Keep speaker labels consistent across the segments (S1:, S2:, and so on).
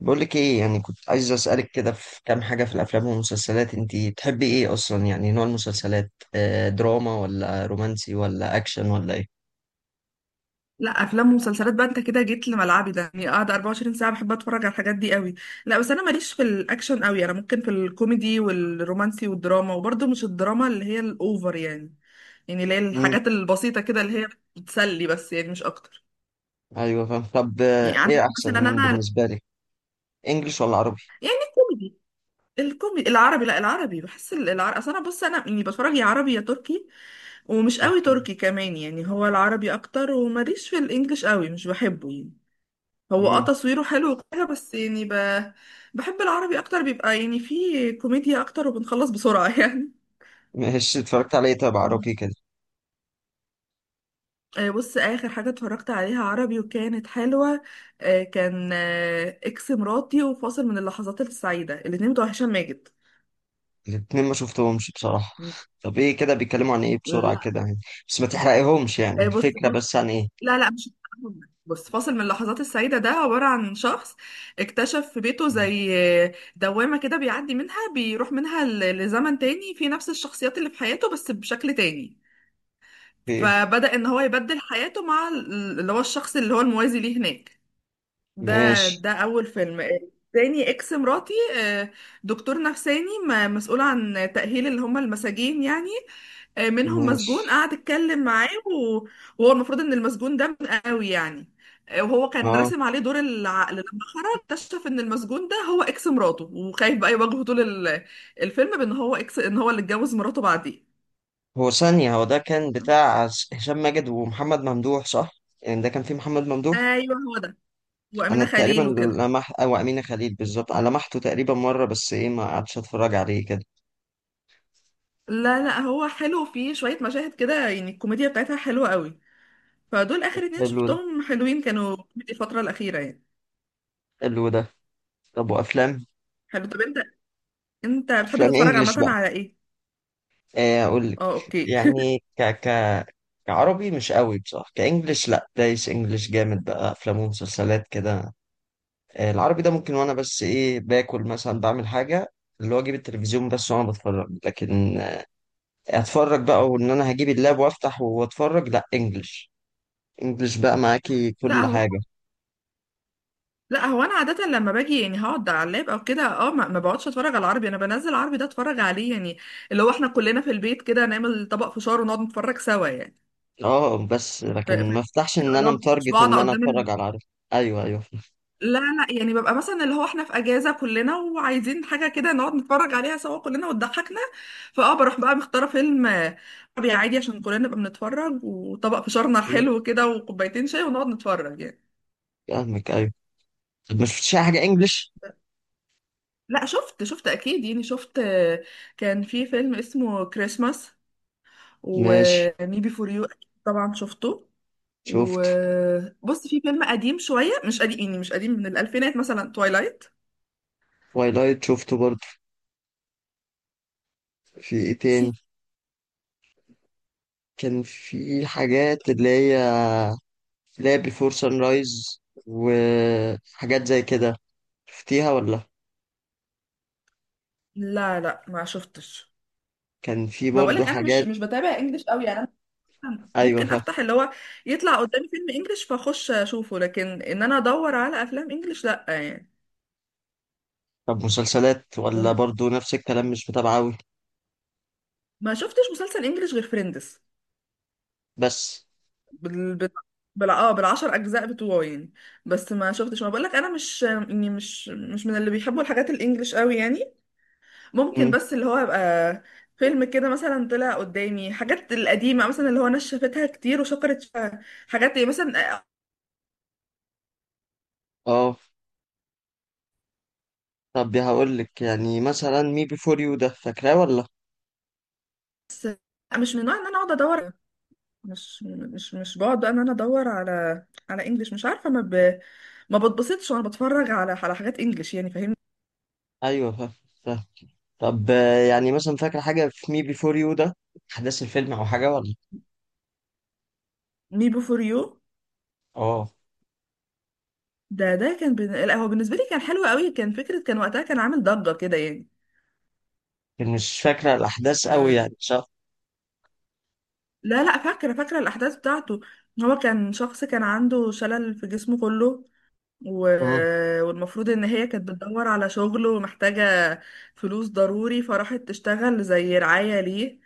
S1: بقول لك ايه، يعني كنت عايز اسالك كده في كام حاجه في الافلام والمسلسلات. انتي تحبي ايه اصلا؟ يعني نوع المسلسلات، دراما ولا رومانسي ولا اكشن ولا ايه؟
S2: لا، افلام ومسلسلات بقى. انت كده جيت لملعبي ده، يعني قاعده 24 ساعه بحب اتفرج على الحاجات دي قوي. لا بس انا ماليش في الاكشن قوي، انا ممكن في الكوميدي والرومانسي والدراما، وبرضه مش الدراما اللي هي الاوفر يعني. يعني اللي هي
S1: امم.
S2: الحاجات البسيطه كده، اللي هي بتسلي بس، يعني مش اكتر.
S1: ايوه فاهم. طب
S2: يعني
S1: ايه
S2: عندك مثلا
S1: احسن
S2: انا،
S1: بالنسبه لك؟ انجليش ولا عربي؟
S2: يعني الكوميدي. الكوميدي العربي. لا، العربي. بحس العربي، اصل انا بص، انا يعني بتفرج يا عربي يا تركي، ومش قوي
S1: اوكي.
S2: تركي كمان، يعني هو العربي اكتر. وماليش في الانجليش قوي، مش بحبه يعني. هو اه
S1: امم.
S2: تصويره حلو وكده، بس يعني بحب العربي اكتر، بيبقى يعني فيه كوميديا اكتر وبنخلص بسرعة يعني.
S1: ماشي. اتفرجت على ايه طب عربي
S2: آه،
S1: كده؟
S2: بص، اخر حاجة اتفرجت عليها عربي وكانت حلوة. كان اكس مراتي وفاصل من اللحظات السعيدة، الاتنين بتوع هشام ماجد.
S1: الاتنين ما شفتهمش بصراحه. طب ايه كده، بيتكلموا عن ايه بسرعه
S2: لا.
S1: كده يعني؟ بس ما تحرقيهمش، يعني
S2: بص،
S1: الفكره
S2: فاصل.
S1: بس عن ايه.
S2: لا مش، بص، فاصل من اللحظات السعيدة ده عبارة عن شخص اكتشف في بيته زي دوامة كده، بيعدي منها بيروح منها لزمن تاني في نفس الشخصيات اللي في حياته بس بشكل تاني.
S1: في ايه؟
S2: فبدأ ان هو يبدل حياته مع اللي هو الشخص اللي هو الموازي ليه هناك. ده
S1: ماشي
S2: ده اول فيلم. تاني اكس مراتي. آه، دكتور نفساني مسؤول عن تأهيل اللي هم المساجين يعني. منهم مسجون
S1: ماشي.
S2: قعد اتكلم معاه وهو المفروض ان المسجون ده من قوي يعني. وهو كان
S1: اه،
S2: راسم عليه دور العقل، لما خرج اكتشف ان المسجون ده هو اكس مراته، وخايف بقى يواجهه طول ال- الفيلم، بان هو اكس، ان هو اللي اتجوز مراته بعديه.
S1: هو ثانية، هو ده كان بتاع هشام ماجد ومحمد ممدوح صح؟ يعني ده كان فيه محمد ممدوح.
S2: ايوه هو ده،
S1: أنا
S2: وأمينة
S1: تقريبا
S2: خليل وكده.
S1: لمح أو أمينة خليل بالظبط، أنا لمحته تقريبا مرة بس، إيه، ما قعدتش أتفرج عليه كده.
S2: لا لا، هو حلو فيه شوية مشاهد كده، يعني الكوميديا بتاعتها حلوة قوي. فدول
S1: طب
S2: آخر اتنين
S1: حلو ده،
S2: شفتهم حلوين، كانوا كوميدي الفترة الأخيرة يعني.
S1: حلو ده. طب وأفلام؟
S2: حلو. طب انت، انت بتحب
S1: أفلام
S2: تتفرج
S1: إنجلش
S2: عامة
S1: بقى،
S2: على ايه؟
S1: إيه أقول لك،
S2: اه اوكي.
S1: يعني ك ك كعربي مش قوي بصراحة، كإنجلش لأ، دايس إنجلش جامد بقى، أفلام ومسلسلات كده. إيه العربي ده ممكن، وأنا بس إيه باكل مثلا، بعمل حاجة، اللي هو أجيب التلفزيون بس وأنا بتفرج. لكن اتفرج بقى وان انا هجيب اللاب وافتح واتفرج، لا انجلش. انجلش بقى معاكي
S2: لا
S1: كل
S2: هو،
S1: حاجة.
S2: لا هو انا عادة لما باجي يعني هقعد على اللاب او كده اه، ما بقعدش اتفرج على العربي. انا بنزل عربي ده اتفرج عليه، يعني اللي هو احنا كلنا في البيت كده نعمل طبق فشار ونقعد نتفرج سوا يعني.
S1: اه بس،
S2: ف... ف...
S1: لكن ما افتحش ان
S2: اللي
S1: انا
S2: هو مش
S1: متارجت
S2: بقعد
S1: ان انا
S2: قدام.
S1: اتفرج على عربي. ايوه، ايوه،
S2: لا لا، يعني ببقى مثلا اللي هو احنا في اجازه كلنا وعايزين حاجه كده نقعد نتفرج عليها سوا كلنا وتضحكنا، فاه بروح بقى مختاره فيلم عربي عادي عشان كلنا نبقى بنتفرج، وطبق فشارنا الحلو كده وكوبايتين شاي ونقعد نتفرج يعني.
S1: فاهمك. ايوه طب، ما شفتش اي حاجة انجلش؟
S2: لا شفت، شفت اكيد يعني، شفت. كان في فيلم اسمه كريسماس
S1: ماشي.
S2: وميبي فور يو. طبعا شفته.
S1: شفت.
S2: وبص، في فيلم قديم شويه، مش قديم يعني، مش قديم، من الالفينات مثلا، تويلايت.
S1: تويلايت شفته برضه. في ايه تاني؟
S2: في،
S1: كان في حاجات اللي هي بيفور سان رايز وحاجات زي كده. شفتيها ولا؟
S2: لا لا ما شفتش.
S1: كان في
S2: ما بقولك
S1: برضه
S2: انا مش
S1: حاجات.
S2: مش بتابع انجليش قوي يعني. انا
S1: ايوه
S2: ممكن
S1: فاهم.
S2: افتح اللي هو يطلع قدامي فيلم انجليش فاخش اشوفه، لكن ان انا ادور على افلام انجليش لا يعني.
S1: طب مسلسلات، ولا
S2: وم-
S1: برضه نفس الكلام مش متابعة أوي؟
S2: ما شفتش مسلسل انجليش غير فريندز.
S1: بس.
S2: بال بال بال اه بال10 اجزاء بتوعه يعني. بس ما شفتش، ما بقولك انا مش يعني مش من اللي بيحبوا الحاجات الانجليش قوي يعني. ممكن
S1: مم.
S2: بس اللي هو يبقى فيلم كده مثلا طلع قدامي، حاجات القديمه مثلا، اللي هو ناس شافتها كتير وشكرت فيها. حاجات مثلا
S1: اه. طب هقول لك، يعني مثلا مي بي فور يو ده فاكراه ولا؟
S2: مش من النوع ان انا اقعد ادور. مش بقعد بقى ان انا ادور على على انجليش، مش عارفه ما بتبسطش وانا بتفرج على على حاجات انجليش يعني، فاهمني.
S1: ايوه فاهم. فاهم. طب يعني مثلا فاكره حاجه في مي بي فور يو ده، احداث الفيلم او حاجه ولا؟
S2: مي بوفور يو
S1: اه،
S2: ده، ده كان لا هو بالنسبه لي كان حلو قوي، كان فكره، كان وقتها كان عامل ضجه كده يعني.
S1: لكن مش فاكره الاحداث قوي
S2: آه،
S1: يعني، صح؟
S2: لا لا، فاكره، فاكره الاحداث بتاعته. هو كان شخص كان عنده شلل في جسمه كله و...
S1: مم.
S2: والمفروض ان هي كانت بتدور على شغل ومحتاجه فلوس ضروري، فراحت تشتغل زي رعايه ليه.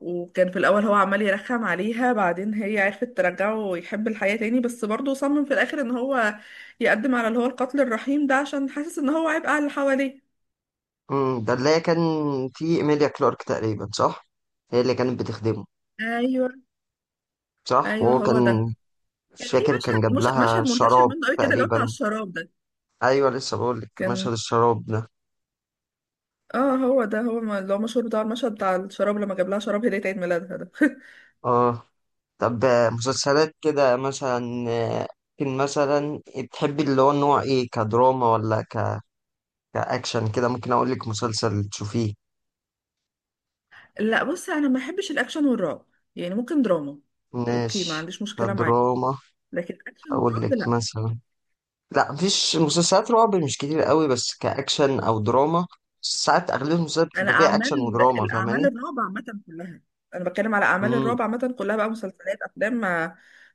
S2: وكان في الأول هو عمال يرخم عليها، بعدين هي عرفت ترجعه ويحب الحياة تاني، بس برضه صمم في الآخر إن هو يقدم على اللي هو القتل الرحيم ده عشان حاسس إن هو عبء على اللي حواليه.
S1: مم. ده اللي هي كان في ايميليا كلارك تقريبا، صح؟ هي اللي كانت بتخدمه؟
S2: أيوه.
S1: صح.
S2: أيوه
S1: وهو كان،
S2: هو ده. كان
S1: مش
S2: في
S1: فاكر، كان جاب
S2: مشهد، مش
S1: لها
S2: مشهد منتشر
S1: شراب
S2: منه قوي كده اللي هو بتاع
S1: تقريبا.
S2: الشراب ده.
S1: ايوه، لسه بقول لك،
S2: كان
S1: مشهد الشراب ده.
S2: اه هو ده، هو اللي هو مشهور بتاع المشهد بتاع الشراب، لما جاب لها شراب هدية عيد ميلادها ده.
S1: اه. طب مسلسلات كده مثلا، ممكن مثلا تحبي اللي هو النوع ايه؟ كدراما ولا كأكشن كده؟ ممكن اقول لك مسلسل تشوفيه.
S2: لا بصي، انا ما بحبش الاكشن والرعب. يعني ممكن دراما. اوكي ما
S1: ماشي.
S2: عنديش مشكلة معاه،
S1: كدراما.
S2: لكن اكشن
S1: اقول
S2: ورعب
S1: لك
S2: لا.
S1: مثلا. لا مفيش مسلسلات رعب مش كتير قوي، بس كأكشن او دراما. ساعات اغلب المسلسلات
S2: انا
S1: بتبقى فيها اكشن
S2: اعمال،
S1: ودراما، فاهماني؟
S2: الاعمال الرعب عامه كلها، انا بتكلم على اعمال
S1: امم.
S2: الرعب عامه كلها بقى، مسلسلات افلام، ما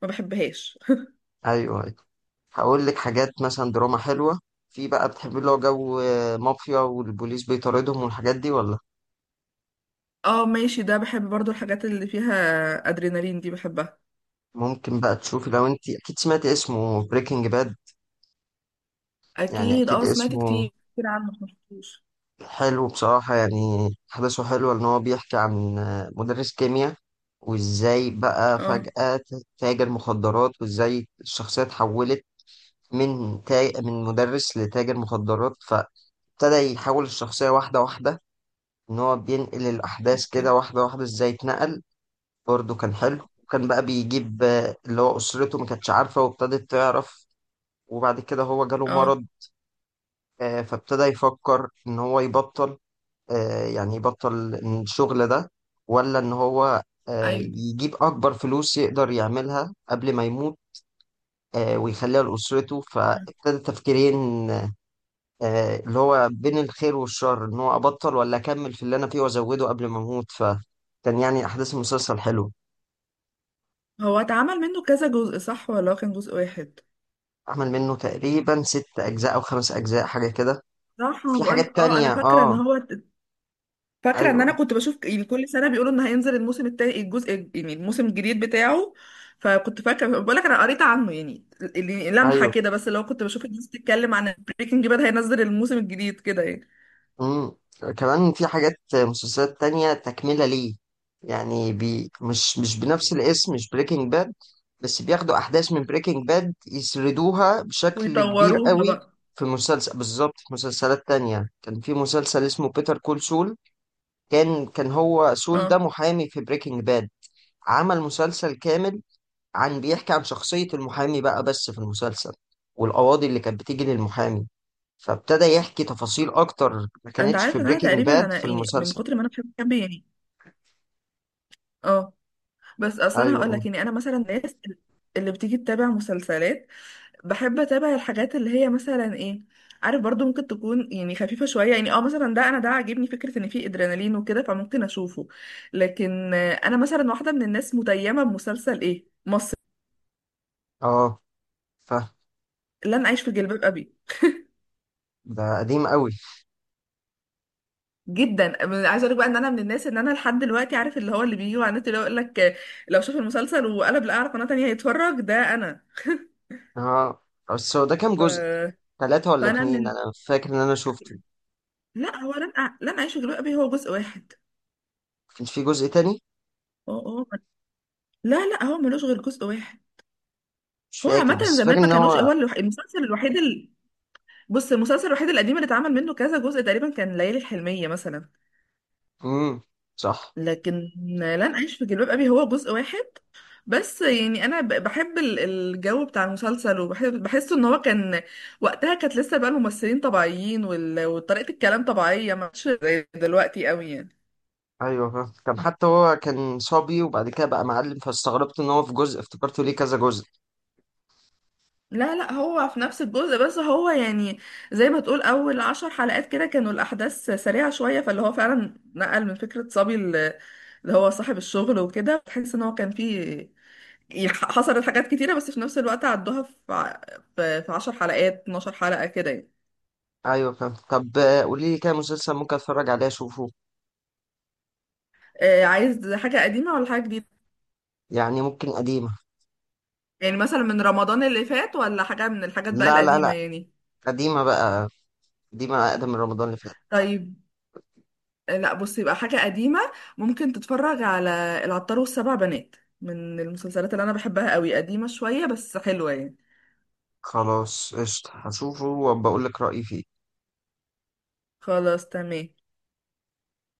S2: ما بحبهاش.
S1: ايوه ايوه. هقول لك حاجات مثلا دراما حلوة. في بقى بتحبي اللي هو جو مافيا والبوليس بيطاردهم والحاجات دي ولا؟
S2: اه ماشي، ده بحب برضو الحاجات اللي فيها ادرينالين دي، بحبها.
S1: ممكن بقى تشوفي، لو انت اكيد سمعتي اسمه، بريكنج باد. يعني
S2: اكيد،
S1: اكيد
S2: اه سمعت
S1: اسمه
S2: كتير كتير عنه بس ما شفتوش.
S1: حلو بصراحة، يعني احداثه حلوة، ان هو بيحكي عن مدرس كيمياء، وازاي بقى
S2: اه
S1: فجأة تاجر مخدرات، وازاي الشخصية اتحولت من مدرس لتاجر مخدرات. فابتدى يحول الشخصية واحدة واحدة، ان هو بينقل الاحداث كده
S2: أوكي.
S1: واحدة واحدة ازاي اتنقل. برضه كان حلو، وكان بقى بيجيب اللي هو اسرته، ما كانتش عارفة وابتدت تعرف، وبعد كده هو جاله
S2: اه
S1: مرض. فابتدى يفكر ان هو يبطل، يعني يبطل الشغل ده، ولا ان هو
S2: ايوه،
S1: يجيب اكبر فلوس يقدر يعملها قبل ما يموت، ويخليها لأسرته. فابتدى تفكيرين، اللي هو بين الخير والشر، ان هو ابطل ولا اكمل في اللي انا فيه وازوده قبل ما اموت. فكان يعني احداث المسلسل حلو.
S2: هو اتعمل منه كذا جزء صح، ولا هو كان جزء واحد؟
S1: عمل منه تقريبا 6 اجزاء او 5 اجزاء حاجة كده.
S2: صح، ما
S1: في حاجات
S2: بقولك اه انا
S1: تانية
S2: فاكره ان
S1: اه.
S2: هو، فاكره ان
S1: ايوه
S2: انا كنت بشوف يعني كل سنه بيقولوا ان هينزل الموسم التاني، الجزء يعني الموسم الجديد بتاعه. فكنت فاكره، بقول لك انا قريت عنه يعني، اللي، لمحه
S1: ايوه.
S2: كده، بس لو كنت بشوف الناس بتتكلم عن بريكنج باد هينزل الموسم الجديد كده يعني.
S1: مم. كمان في حاجات مسلسلات تانية تكملة ليه، يعني بي مش بنفس الاسم، مش بريكنج باد، بس بياخدوا أحداث من بريكنج باد يسردوها بشكل كبير
S2: ويطوروها
S1: قوي.
S2: بقى.
S1: في مسلسل بالظبط، في مسلسلات تانية كان في مسلسل اسمه بيتر كول سول. كان هو سول ده
S2: اه
S1: محامي في بريكنج باد. عمل مسلسل كامل، بيحكي عن شخصية المحامي بقى، بس في المسلسل والقواضي اللي كانت بتيجي للمحامي. فابتدى يحكي تفاصيل اكتر ما
S2: انت
S1: كانتش
S2: عارف
S1: في
S2: ان انا
S1: بريكنج
S2: تقريبا،
S1: باد
S2: انا
S1: في
S2: يعني من
S1: المسلسل.
S2: كتر ما انا بحب كامبي يعني. اه بس اصلا
S1: ايوه
S2: هقول
S1: قول.
S2: لك يعني، انا مثلا الناس اللي بتيجي تتابع مسلسلات، بحب اتابع الحاجات اللي هي مثلا ايه، عارف برضو، ممكن تكون يعني خفيفة شوية، يعني اه مثلا ده انا، ده عاجبني فكرة ان فيه ادرينالين وكده فممكن اشوفه. لكن انا مثلا واحدة من الناس متيمة بمسلسل ايه مصر،
S1: اه فاهم.
S2: لن اعيش في جلباب ابي.
S1: ده قديم قوي.
S2: جدا، عايزه اقول بقى ان انا من الناس ان انا لحد دلوقتي عارف اللي هو اللي بيجي على النت اللي هو يقول لك لو شاف المسلسل وقلب لقى على قناه تانية يتفرج، ده انا.
S1: اه بس هو ده كام
S2: ف...
S1: جزء؟ 3 ولا
S2: فانا
S1: 2؟
S2: من
S1: انا فاكر ان انا شفته.
S2: لا هو لن اعيش في جلباب ابي هو جزء واحد.
S1: كان في جزء تاني؟
S2: اه اه، لا لا هو ملوش غير جزء واحد.
S1: مش
S2: هو
S1: فاكر،
S2: عامة
S1: بس فاكر
S2: زمان ما
S1: ان
S2: كانوش،
S1: هو.
S2: هو المسلسل الوحيد بص المسلسل الوحيد القديم اللي اتعمل منه كذا جزء تقريبا كان ليالي الحلمية مثلا.
S1: امم. صح.
S2: لكن لن أعيش في جلباب أبي هو جزء واحد. بس يعني أنا بحب الجو بتاع المسلسل، وبحب بحسه إن هو كان وقتها، كانت لسه بقى الممثلين طبيعيين، وطريقة الكلام طبيعية، ما كانتش زي دلوقتي قوي يعني.
S1: ايوه فاهم، كان حتى هو كان صبي وبعد كده بقى معلم، فاستغربت ان هو في جزء، افتكرته ليه كذا جزء.
S2: لا لا هو في نفس الجزء، بس هو يعني زي ما تقول اول 10 حلقات كده كانوا الاحداث سريعة شوية، فاللي هو فعلا نقل من فكرة صبي اللي هو صاحب الشغل وكده، تحس ان هو كان فيه، حصلت حاجات كتيرة بس في نفس الوقت عدوها في ع- في في 10 حلقات 12 حلقة كده يعني.
S1: ايوه فاهم. طب قولي لي كده مسلسل ممكن اتفرج عليه اشوفه.
S2: عايز حاجة قديمة ولا حاجة جديدة؟
S1: يعني ممكن قديمة.
S2: يعني مثلا من رمضان اللي فات، ولا حاجة من الحاجات بقى
S1: لا لا
S2: القديمة
S1: لا،
S2: يعني؟
S1: قديمة بقى، قديمة اقدم من رمضان اللي فات.
S2: طيب. لا بصي، يبقى حاجة قديمة. ممكن تتفرج على العطار والسبع بنات، من المسلسلات اللي أنا بحبها قوي، قديمة شوية بس حلوة يعني.
S1: خلاص، قشطة، هشوفه وبقول لك رأيي فيه.
S2: خلاص تمام.